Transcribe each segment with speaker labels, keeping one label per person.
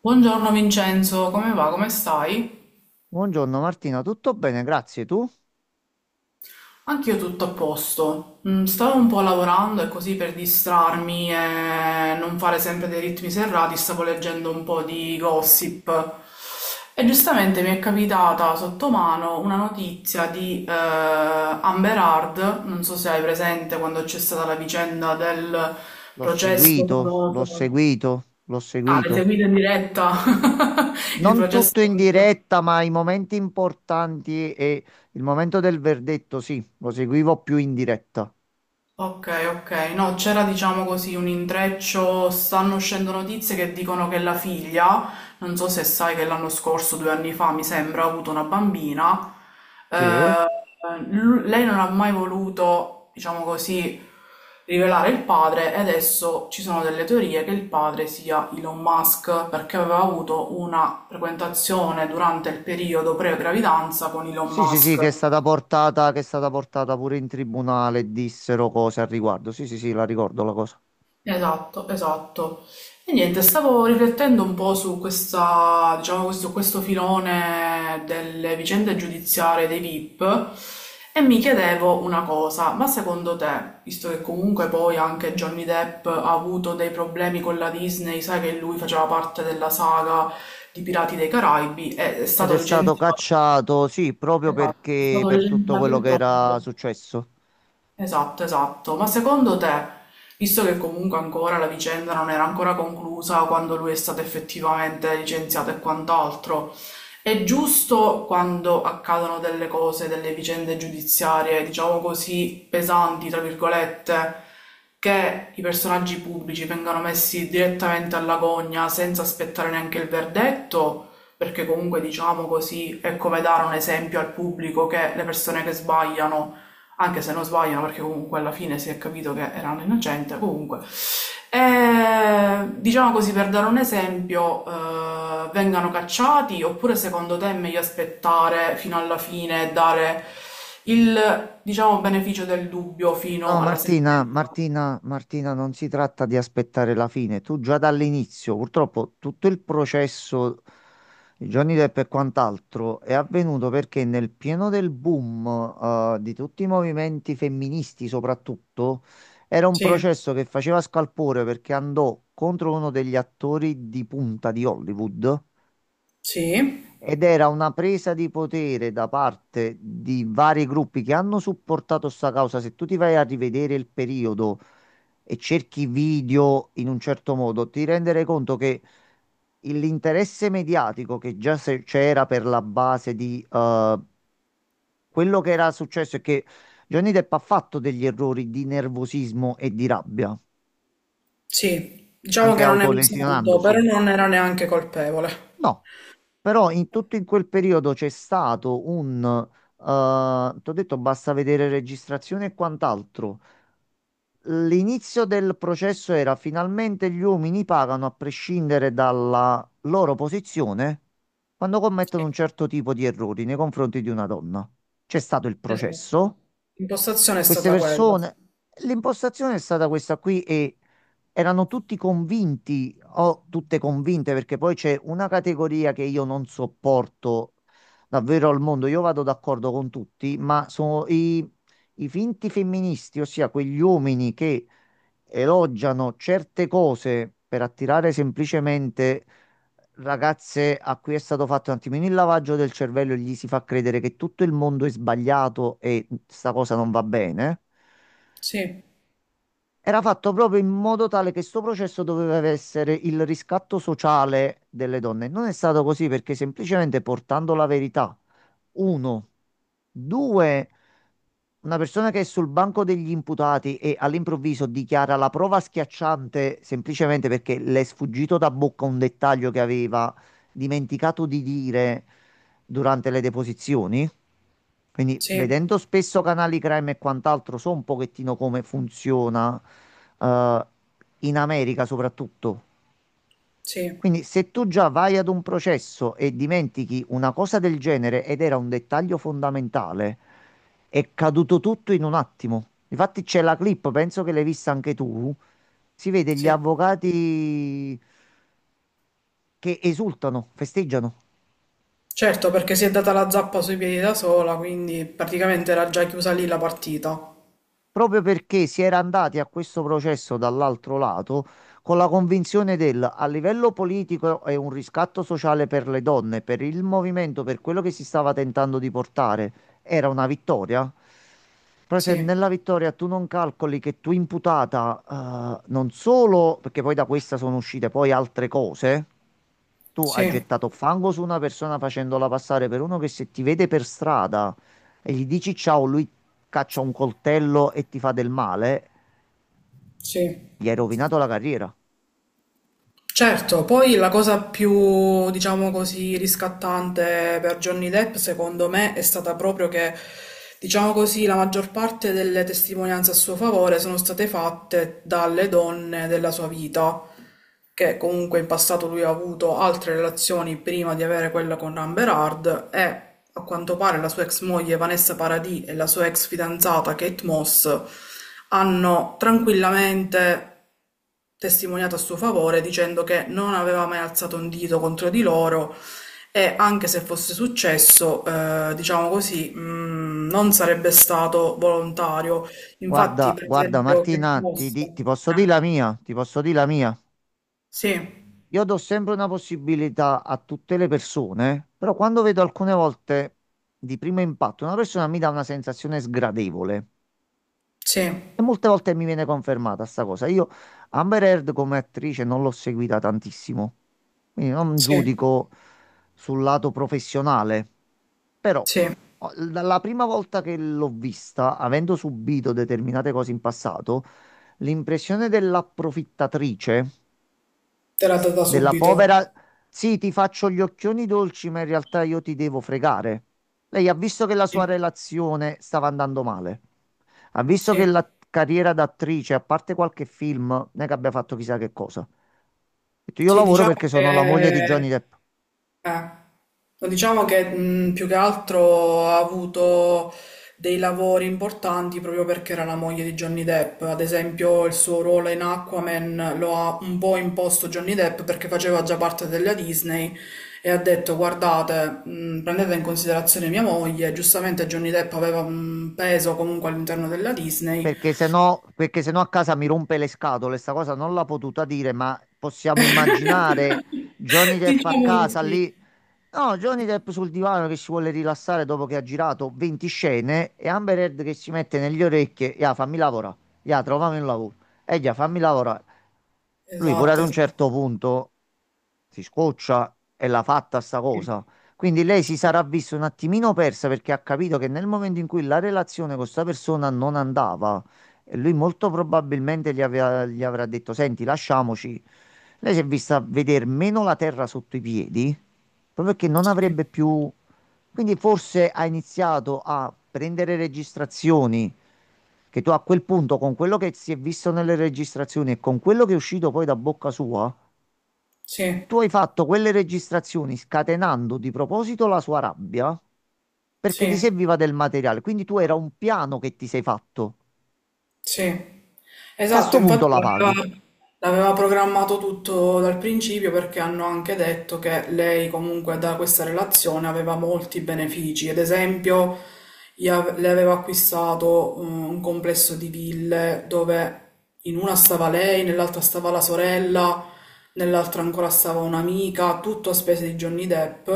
Speaker 1: Buongiorno Vincenzo, come va? Come stai?
Speaker 2: Buongiorno Martina, tutto bene? Grazie. Tu?
Speaker 1: Anch'io tutto a posto. Stavo un po' lavorando e così per distrarmi e non fare sempre dei ritmi serrati, stavo leggendo un po' di gossip. E giustamente mi è capitata sotto mano una notizia di Amber Heard. Non so se hai presente quando c'è stata la vicenda del
Speaker 2: L'ho
Speaker 1: processo
Speaker 2: seguito, l'ho
Speaker 1: famoso.
Speaker 2: seguito, l'ho
Speaker 1: Ah, l'hai
Speaker 2: seguito.
Speaker 1: seguito in diretta? Il
Speaker 2: Non
Speaker 1: processo.
Speaker 2: tutto in diretta, ma i momenti importanti e il momento del verdetto, sì, lo seguivo più in diretta.
Speaker 1: Ok, ok, no, c'era diciamo così un intreccio, stanno uscendo notizie che dicono che la figlia, non so se sai che l'anno scorso, due anni fa mi sembra, ha avuto una bambina,
Speaker 2: Sì, eh?
Speaker 1: eh, lei non ha mai voluto, diciamo così, rivelare il padre, e adesso ci sono delle teorie che il padre sia Elon Musk perché aveva avuto una frequentazione durante il periodo pre-gravidanza con Elon
Speaker 2: Sì, sì, sì,
Speaker 1: Musk.
Speaker 2: che è stata portata pure in tribunale, dissero cose al riguardo. Sì, sì, sì, la ricordo la cosa.
Speaker 1: Esatto, esatto. E niente, stavo riflettendo un po' su questa, diciamo, questo filone delle vicende giudiziarie dei VIP, e mi chiedevo una cosa, ma secondo te, visto che comunque poi anche Johnny Depp ha avuto dei problemi con la Disney, sai che lui faceva parte della saga di Pirati dei Caraibi, è
Speaker 2: Ed è
Speaker 1: stato
Speaker 2: stato
Speaker 1: licenziato,
Speaker 2: cacciato, sì, proprio
Speaker 1: esatto, è
Speaker 2: perché
Speaker 1: stato
Speaker 2: per tutto
Speaker 1: licenziato
Speaker 2: quello
Speaker 1: in
Speaker 2: che era
Speaker 1: troppo.
Speaker 2: successo.
Speaker 1: Esatto, esatto. Ma secondo te, visto che comunque ancora la vicenda non era ancora conclusa quando lui è stato effettivamente licenziato e quant'altro, è giusto quando accadono delle cose, delle vicende giudiziarie, diciamo così, pesanti, tra virgolette, che i personaggi pubblici vengano messi direttamente alla gogna senza aspettare neanche il verdetto? Perché comunque, diciamo così, è come dare un esempio al pubblico che le persone che sbagliano, anche se non sbagliano, perché comunque alla fine si è capito che erano innocenti, comunque. E, diciamo così, per dare un esempio, vengano cacciati, oppure secondo te è meglio aspettare fino alla fine e dare il, diciamo, beneficio del dubbio fino
Speaker 2: No,
Speaker 1: alla
Speaker 2: Martina,
Speaker 1: sentenza?
Speaker 2: Martina, Martina, non si tratta di aspettare la fine. Tu già dall'inizio, purtroppo, tutto il processo di Johnny Depp e quant'altro è avvenuto perché nel pieno del boom, di tutti i movimenti femministi, soprattutto, era un
Speaker 1: Sì,
Speaker 2: processo che faceva scalpore perché andò contro uno degli attori di punta di Hollywood.
Speaker 1: sì,
Speaker 2: Ed era una presa di potere da parte di vari gruppi che hanno supportato sta causa. Se tu ti vai a rivedere il periodo e cerchi video in un certo modo, ti renderai conto che l'interesse mediatico che già c'era per la base di quello che era successo è che Johnny Depp ha fatto degli errori di nervosismo e di rabbia,
Speaker 1: sì. Diciamo
Speaker 2: anche
Speaker 1: che non è un santo, però
Speaker 2: autolesionandosi.
Speaker 1: non era neanche colpevole.
Speaker 2: No, però in tutto in quel periodo c'è stato ti ho detto basta vedere registrazione e quant'altro. L'inizio del processo era finalmente gli uomini pagano a prescindere dalla loro posizione quando
Speaker 1: Sì,
Speaker 2: commettono un certo tipo di errori nei confronti di una donna. C'è stato il
Speaker 1: esatto.
Speaker 2: processo,
Speaker 1: L'impostazione è
Speaker 2: queste
Speaker 1: stata quella.
Speaker 2: persone, l'impostazione è stata questa qui e erano tutti convinti o tutte convinte perché poi c'è una categoria che io non sopporto davvero al mondo. Io vado d'accordo con tutti, ma sono i finti femministi, ossia quegli uomini che elogiano certe cose per attirare semplicemente ragazze a cui è stato fatto un attimino il lavaggio del cervello e gli si fa credere che tutto il mondo è sbagliato e sta cosa non va bene.
Speaker 1: Sì,
Speaker 2: Era fatto proprio in modo tale che sto processo doveva essere il riscatto sociale delle donne. Non è stato così perché semplicemente portando la verità, uno, due, una persona che è sul banco degli imputati e all'improvviso dichiara la prova schiacciante semplicemente perché le è sfuggito da bocca un dettaglio che aveva dimenticato di dire durante le deposizioni. Quindi
Speaker 1: sì,
Speaker 2: vedendo spesso canali crime e quant'altro, so un pochettino come funziona eh, in America soprattutto.
Speaker 1: sì,
Speaker 2: Quindi se tu già vai ad un processo e dimentichi una cosa del genere ed era un dettaglio fondamentale, è caduto tutto in un attimo. Infatti c'è la clip, penso che l'hai vista anche tu. Si vede gli
Speaker 1: sì.
Speaker 2: avvocati che esultano, festeggiano.
Speaker 1: Certo, perché si è data la zappa sui piedi da sola, quindi praticamente era già chiusa lì la partita.
Speaker 2: Proprio perché si era andati a questo processo dall'altro lato con la convinzione del a livello politico è un riscatto sociale per le donne, per il movimento, per quello che si stava tentando di portare, era una vittoria. Però se
Speaker 1: Sì,
Speaker 2: nella vittoria tu non calcoli che tu imputata, non solo, perché poi da questa sono uscite poi altre cose, tu hai
Speaker 1: sì,
Speaker 2: gettato fango su una persona facendola passare per uno che se ti vede per strada e gli dici ciao, lui caccia un coltello e ti fa del male,
Speaker 1: sì.
Speaker 2: gli hai rovinato la carriera.
Speaker 1: Certo, poi la cosa più, diciamo così, riscattante per Johnny Depp, secondo me, è stata proprio che, diciamo così, la maggior parte delle testimonianze a suo favore sono state fatte dalle donne della sua vita, che comunque in passato lui ha avuto altre relazioni prima di avere quella con Amber Heard, e a quanto pare la sua ex moglie Vanessa Paradis e la sua ex fidanzata Kate Moss hanno tranquillamente testimoniato a suo favore dicendo che non aveva mai alzato un dito contro di loro, e anche se fosse successo, diciamo così, non sarebbe stato volontario. Infatti,
Speaker 2: Guarda,
Speaker 1: per
Speaker 2: guarda
Speaker 1: esempio, che
Speaker 2: Martina,
Speaker 1: mossa?
Speaker 2: ti posso dire la mia, ti posso dire la mia.
Speaker 1: Sì,
Speaker 2: Io do sempre una possibilità a tutte le persone, però quando vedo alcune volte di primo impatto una persona mi dà una sensazione sgradevole
Speaker 1: sì,
Speaker 2: e molte volte mi viene confermata sta cosa. Io Amber Heard come attrice non l'ho seguita tantissimo, quindi non
Speaker 1: sì,
Speaker 2: giudico sul lato professionale. Però,
Speaker 1: sì,
Speaker 2: dalla prima volta che l'ho vista, avendo subito determinate cose in passato, l'impressione dell'approfittatrice,
Speaker 1: te l'ha data
Speaker 2: della
Speaker 1: subito.
Speaker 2: povera, sì, ti faccio gli occhioni dolci, ma in realtà io ti devo fregare. Lei ha visto che la sua
Speaker 1: Sì,
Speaker 2: relazione stava andando male. Ha visto che
Speaker 1: sì,
Speaker 2: la carriera d'attrice, a parte qualche film, non è che abbia fatto chissà che cosa. Ha detto, io
Speaker 1: sì,
Speaker 2: lavoro
Speaker 1: diciamo
Speaker 2: perché sono la moglie di
Speaker 1: che.
Speaker 2: Johnny Depp.
Speaker 1: Eh. Diciamo che più che altro ha avuto dei lavori importanti proprio perché era la moglie di Johnny Depp. Ad esempio, il suo ruolo in Aquaman lo ha un po' imposto Johnny Depp perché faceva già parte della Disney e ha detto: Guardate, prendete in considerazione mia moglie. Giustamente, Johnny Depp aveva un peso comunque all'interno della Disney.
Speaker 2: Perché se no a casa mi rompe le scatole, sta cosa non l'ha potuta dire, ma possiamo immaginare Johnny Depp a
Speaker 1: Diciamo di
Speaker 2: casa
Speaker 1: sì.
Speaker 2: lì. No, Johnny Depp sul divano che si vuole rilassare dopo che ha girato 20 scene e Amber Heard che si mette negli orecchie, ya, fammi lavorare, ya, trovami un lavoro, e ya, fammi lavorare. Lui pure ad
Speaker 1: Esatto,
Speaker 2: un
Speaker 1: esatto.
Speaker 2: certo punto si scoccia e l'ha fatta sta
Speaker 1: Sì,
Speaker 2: cosa. Quindi lei si sarà vista un attimino persa perché ha capito che nel momento in cui la relazione con sta persona non andava, e lui molto probabilmente gli avrà detto: Senti, lasciamoci. Lei si è vista vedere meno la terra sotto i piedi proprio che non
Speaker 1: sì,
Speaker 2: avrebbe più... Quindi forse ha iniziato a prendere registrazioni che tu a quel punto, con quello che si è visto nelle registrazioni e con quello che è uscito poi da bocca sua,
Speaker 1: sì.
Speaker 2: tu hai fatto quelle registrazioni scatenando di proposito la sua rabbia perché ti
Speaker 1: Sì,
Speaker 2: serviva del materiale. Quindi tu era un piano che ti sei fatto
Speaker 1: sì.
Speaker 2: e a
Speaker 1: Esatto,
Speaker 2: sto punto
Speaker 1: infatti
Speaker 2: la paghi.
Speaker 1: l'aveva l'aveva programmato tutto dal principio, perché hanno anche detto che lei comunque da questa relazione aveva molti benefici. Ad esempio, le aveva acquistato un complesso di ville dove in una stava lei, nell'altra stava la sorella, nell'altra ancora stava un'amica, tutto a spese di Johnny Depp.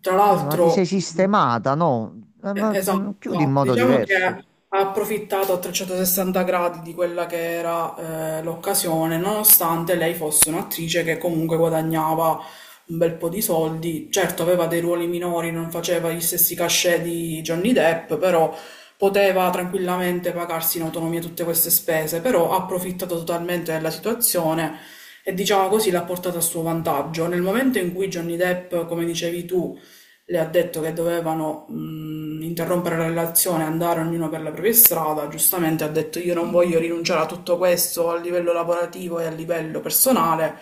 Speaker 1: Tra
Speaker 2: Cioè, ma ti sei
Speaker 1: l'altro,
Speaker 2: sistemata, no?
Speaker 1: eh,
Speaker 2: Ma
Speaker 1: esatto,
Speaker 2: chiudi in
Speaker 1: esatto.
Speaker 2: modo
Speaker 1: Diciamo che ha
Speaker 2: diverso.
Speaker 1: approfittato a 360 gradi di quella che era l'occasione, nonostante lei fosse un'attrice che comunque guadagnava un bel po' di soldi. Certo, aveva dei ruoli minori, non faceva gli stessi cachet di Johnny Depp, però poteva tranquillamente pagarsi in autonomia tutte queste spese, però ha approfittato totalmente della situazione e diciamo così l'ha portata a suo vantaggio. Nel momento in cui Johnny Depp, come dicevi tu, le ha detto che dovevano interrompere la relazione, andare ognuno per la propria strada. Giustamente ha detto: Io non voglio rinunciare a tutto questo a livello lavorativo e a livello personale.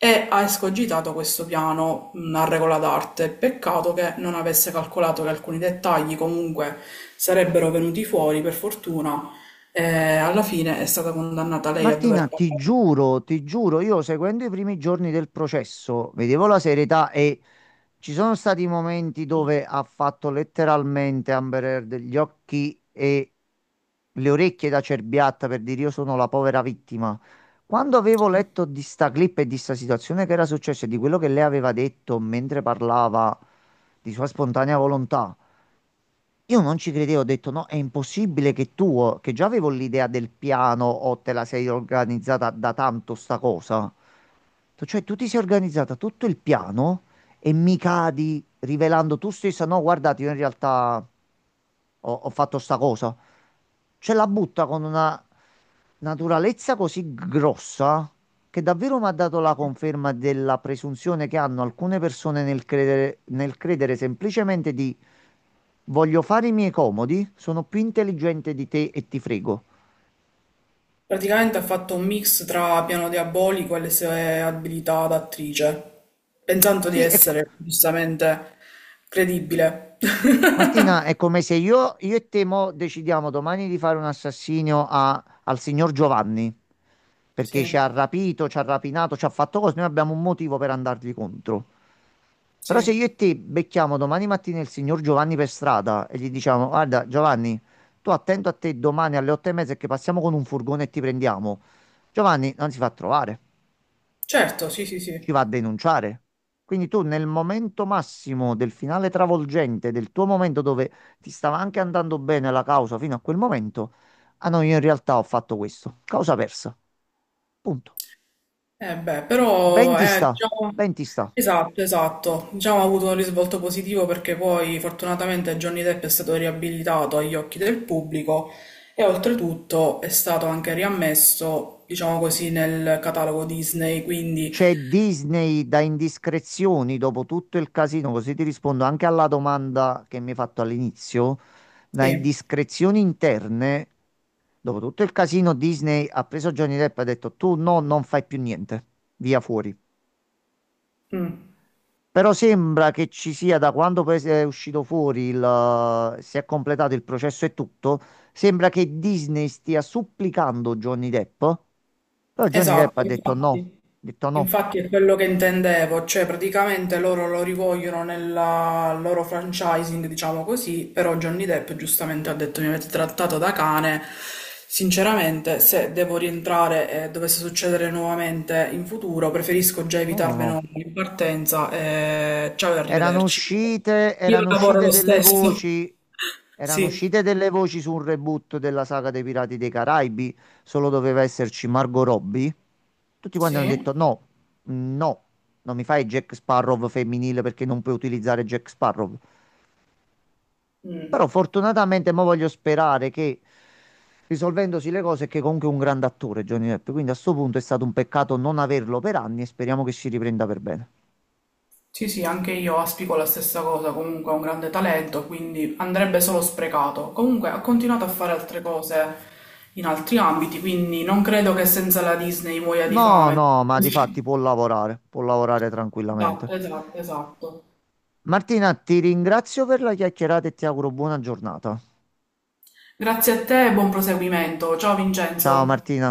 Speaker 1: E ha escogitato questo piano a regola d'arte. Peccato che non avesse calcolato che alcuni dettagli comunque sarebbero venuti fuori, per fortuna. E alla fine è stata condannata lei a
Speaker 2: Martina,
Speaker 1: dover pagare.
Speaker 2: ti giuro, io seguendo i primi giorni del processo, vedevo la serietà e ci sono stati momenti dove ha fatto letteralmente Amber Heard gli occhi e le orecchie da cerbiatta per dire io sono la povera vittima. Quando avevo letto di sta clip e di sta situazione che era successa e di quello che lei aveva detto mentre parlava di sua spontanea volontà, io non ci credevo, ho detto no, è impossibile che tu, oh, che già avevo l'idea del piano o te la sei organizzata da tanto sta cosa. Detto, cioè tu ti sei organizzata tutto il piano e mi cadi rivelando tu stessa, no, guardate, io in realtà ho fatto sta cosa. Cioè la butta con una naturalezza così grossa che davvero mi ha dato la conferma della presunzione che hanno alcune persone nel credere, semplicemente di voglio fare i miei comodi, sono più intelligente di te e ti frego.
Speaker 1: Praticamente ha fatto un mix tra Piano Diabolico e le sue abilità d'attrice, pensando di
Speaker 2: Sì.
Speaker 1: essere giustamente credibile.
Speaker 2: Martina, è come se io e te mo decidiamo domani di fare un assassinio al signor Giovanni perché ci
Speaker 1: Sì,
Speaker 2: ha rapito, ci ha rapinato, ci ha fatto cose, noi abbiamo un motivo per andargli contro. Però se
Speaker 1: sì,
Speaker 2: io e te becchiamo domani mattina il signor Giovanni per strada e gli diciamo, guarda Giovanni, tu attento a te domani alle otto e mezza che passiamo con un furgone e ti prendiamo. Giovanni non si fa trovare,
Speaker 1: certo, sì, sì, sì.
Speaker 2: ci va a denunciare. Quindi tu nel momento massimo del finale travolgente, del tuo momento dove ti stava anche andando bene la causa fino a quel momento, ah no, io in realtà ho fatto questo. Causa persa. Punto.
Speaker 1: Eh beh,
Speaker 2: Ben
Speaker 1: però
Speaker 2: ti
Speaker 1: è,
Speaker 2: sta,
Speaker 1: diciamo,
Speaker 2: ben ti sta.
Speaker 1: esatto, esatto, diciamo ha avuto un risvolto positivo perché poi fortunatamente Johnny Depp è stato riabilitato agli occhi del pubblico e oltretutto è stato anche riammesso, diciamo così, nel catalogo Disney, quindi
Speaker 2: C'è Disney da indiscrezioni dopo tutto il casino, così ti rispondo anche alla domanda che mi hai fatto all'inizio. Da
Speaker 1: sì.
Speaker 2: indiscrezioni interne, dopo tutto il casino, Disney ha preso Johnny Depp e ha detto tu no, non fai più niente, via fuori.
Speaker 1: Mm.
Speaker 2: Però sembra che ci sia, da quando poi è uscito fuori, si è completato il processo e tutto, sembra che Disney stia supplicando Johnny Depp. Però Johnny Depp
Speaker 1: Esatto,
Speaker 2: ha
Speaker 1: infatti,
Speaker 2: detto no,
Speaker 1: infatti è quello che intendevo, cioè praticamente loro lo rivogliono nella, al loro franchising, diciamo così, però Johnny Depp giustamente ha detto: mi avete trattato da cane, sinceramente se devo rientrare e dovesse succedere nuovamente in futuro preferisco già
Speaker 2: no, no,
Speaker 1: evitarmelo
Speaker 2: no.
Speaker 1: in partenza, e ciao e
Speaker 2: Erano
Speaker 1: arrivederci.
Speaker 2: uscite,
Speaker 1: Io
Speaker 2: erano
Speaker 1: lavoro
Speaker 2: uscite
Speaker 1: lo
Speaker 2: delle
Speaker 1: stesso.
Speaker 2: voci, erano uscite
Speaker 1: Sì.
Speaker 2: delle voci su un reboot della saga dei Pirati dei Caraibi, solo doveva esserci Margot Robbie. Tutti quanti hanno
Speaker 1: Sì?
Speaker 2: detto no, no, non mi fai Jack Sparrow femminile perché non puoi utilizzare Jack Sparrow. Però
Speaker 1: Mm.
Speaker 2: fortunatamente mo voglio sperare che risolvendosi le cose, che comunque è un grande attore Johnny Depp, quindi a sto punto è stato un peccato non averlo per anni e speriamo che si riprenda per bene.
Speaker 1: Sì, sì, anche io aspico la stessa cosa, comunque ha un grande talento, quindi andrebbe solo sprecato. Comunque ha continuato a fare altre cose in altri ambiti, quindi non credo che senza la Disney muoia di
Speaker 2: No,
Speaker 1: fame.
Speaker 2: no, ma di fatti può lavorare tranquillamente.
Speaker 1: Esatto, esatto, esatto.
Speaker 2: Martina, ti ringrazio per la chiacchierata e ti auguro buona giornata.
Speaker 1: Grazie a te e buon proseguimento. Ciao
Speaker 2: Ciao
Speaker 1: Vincenzo.
Speaker 2: Martina.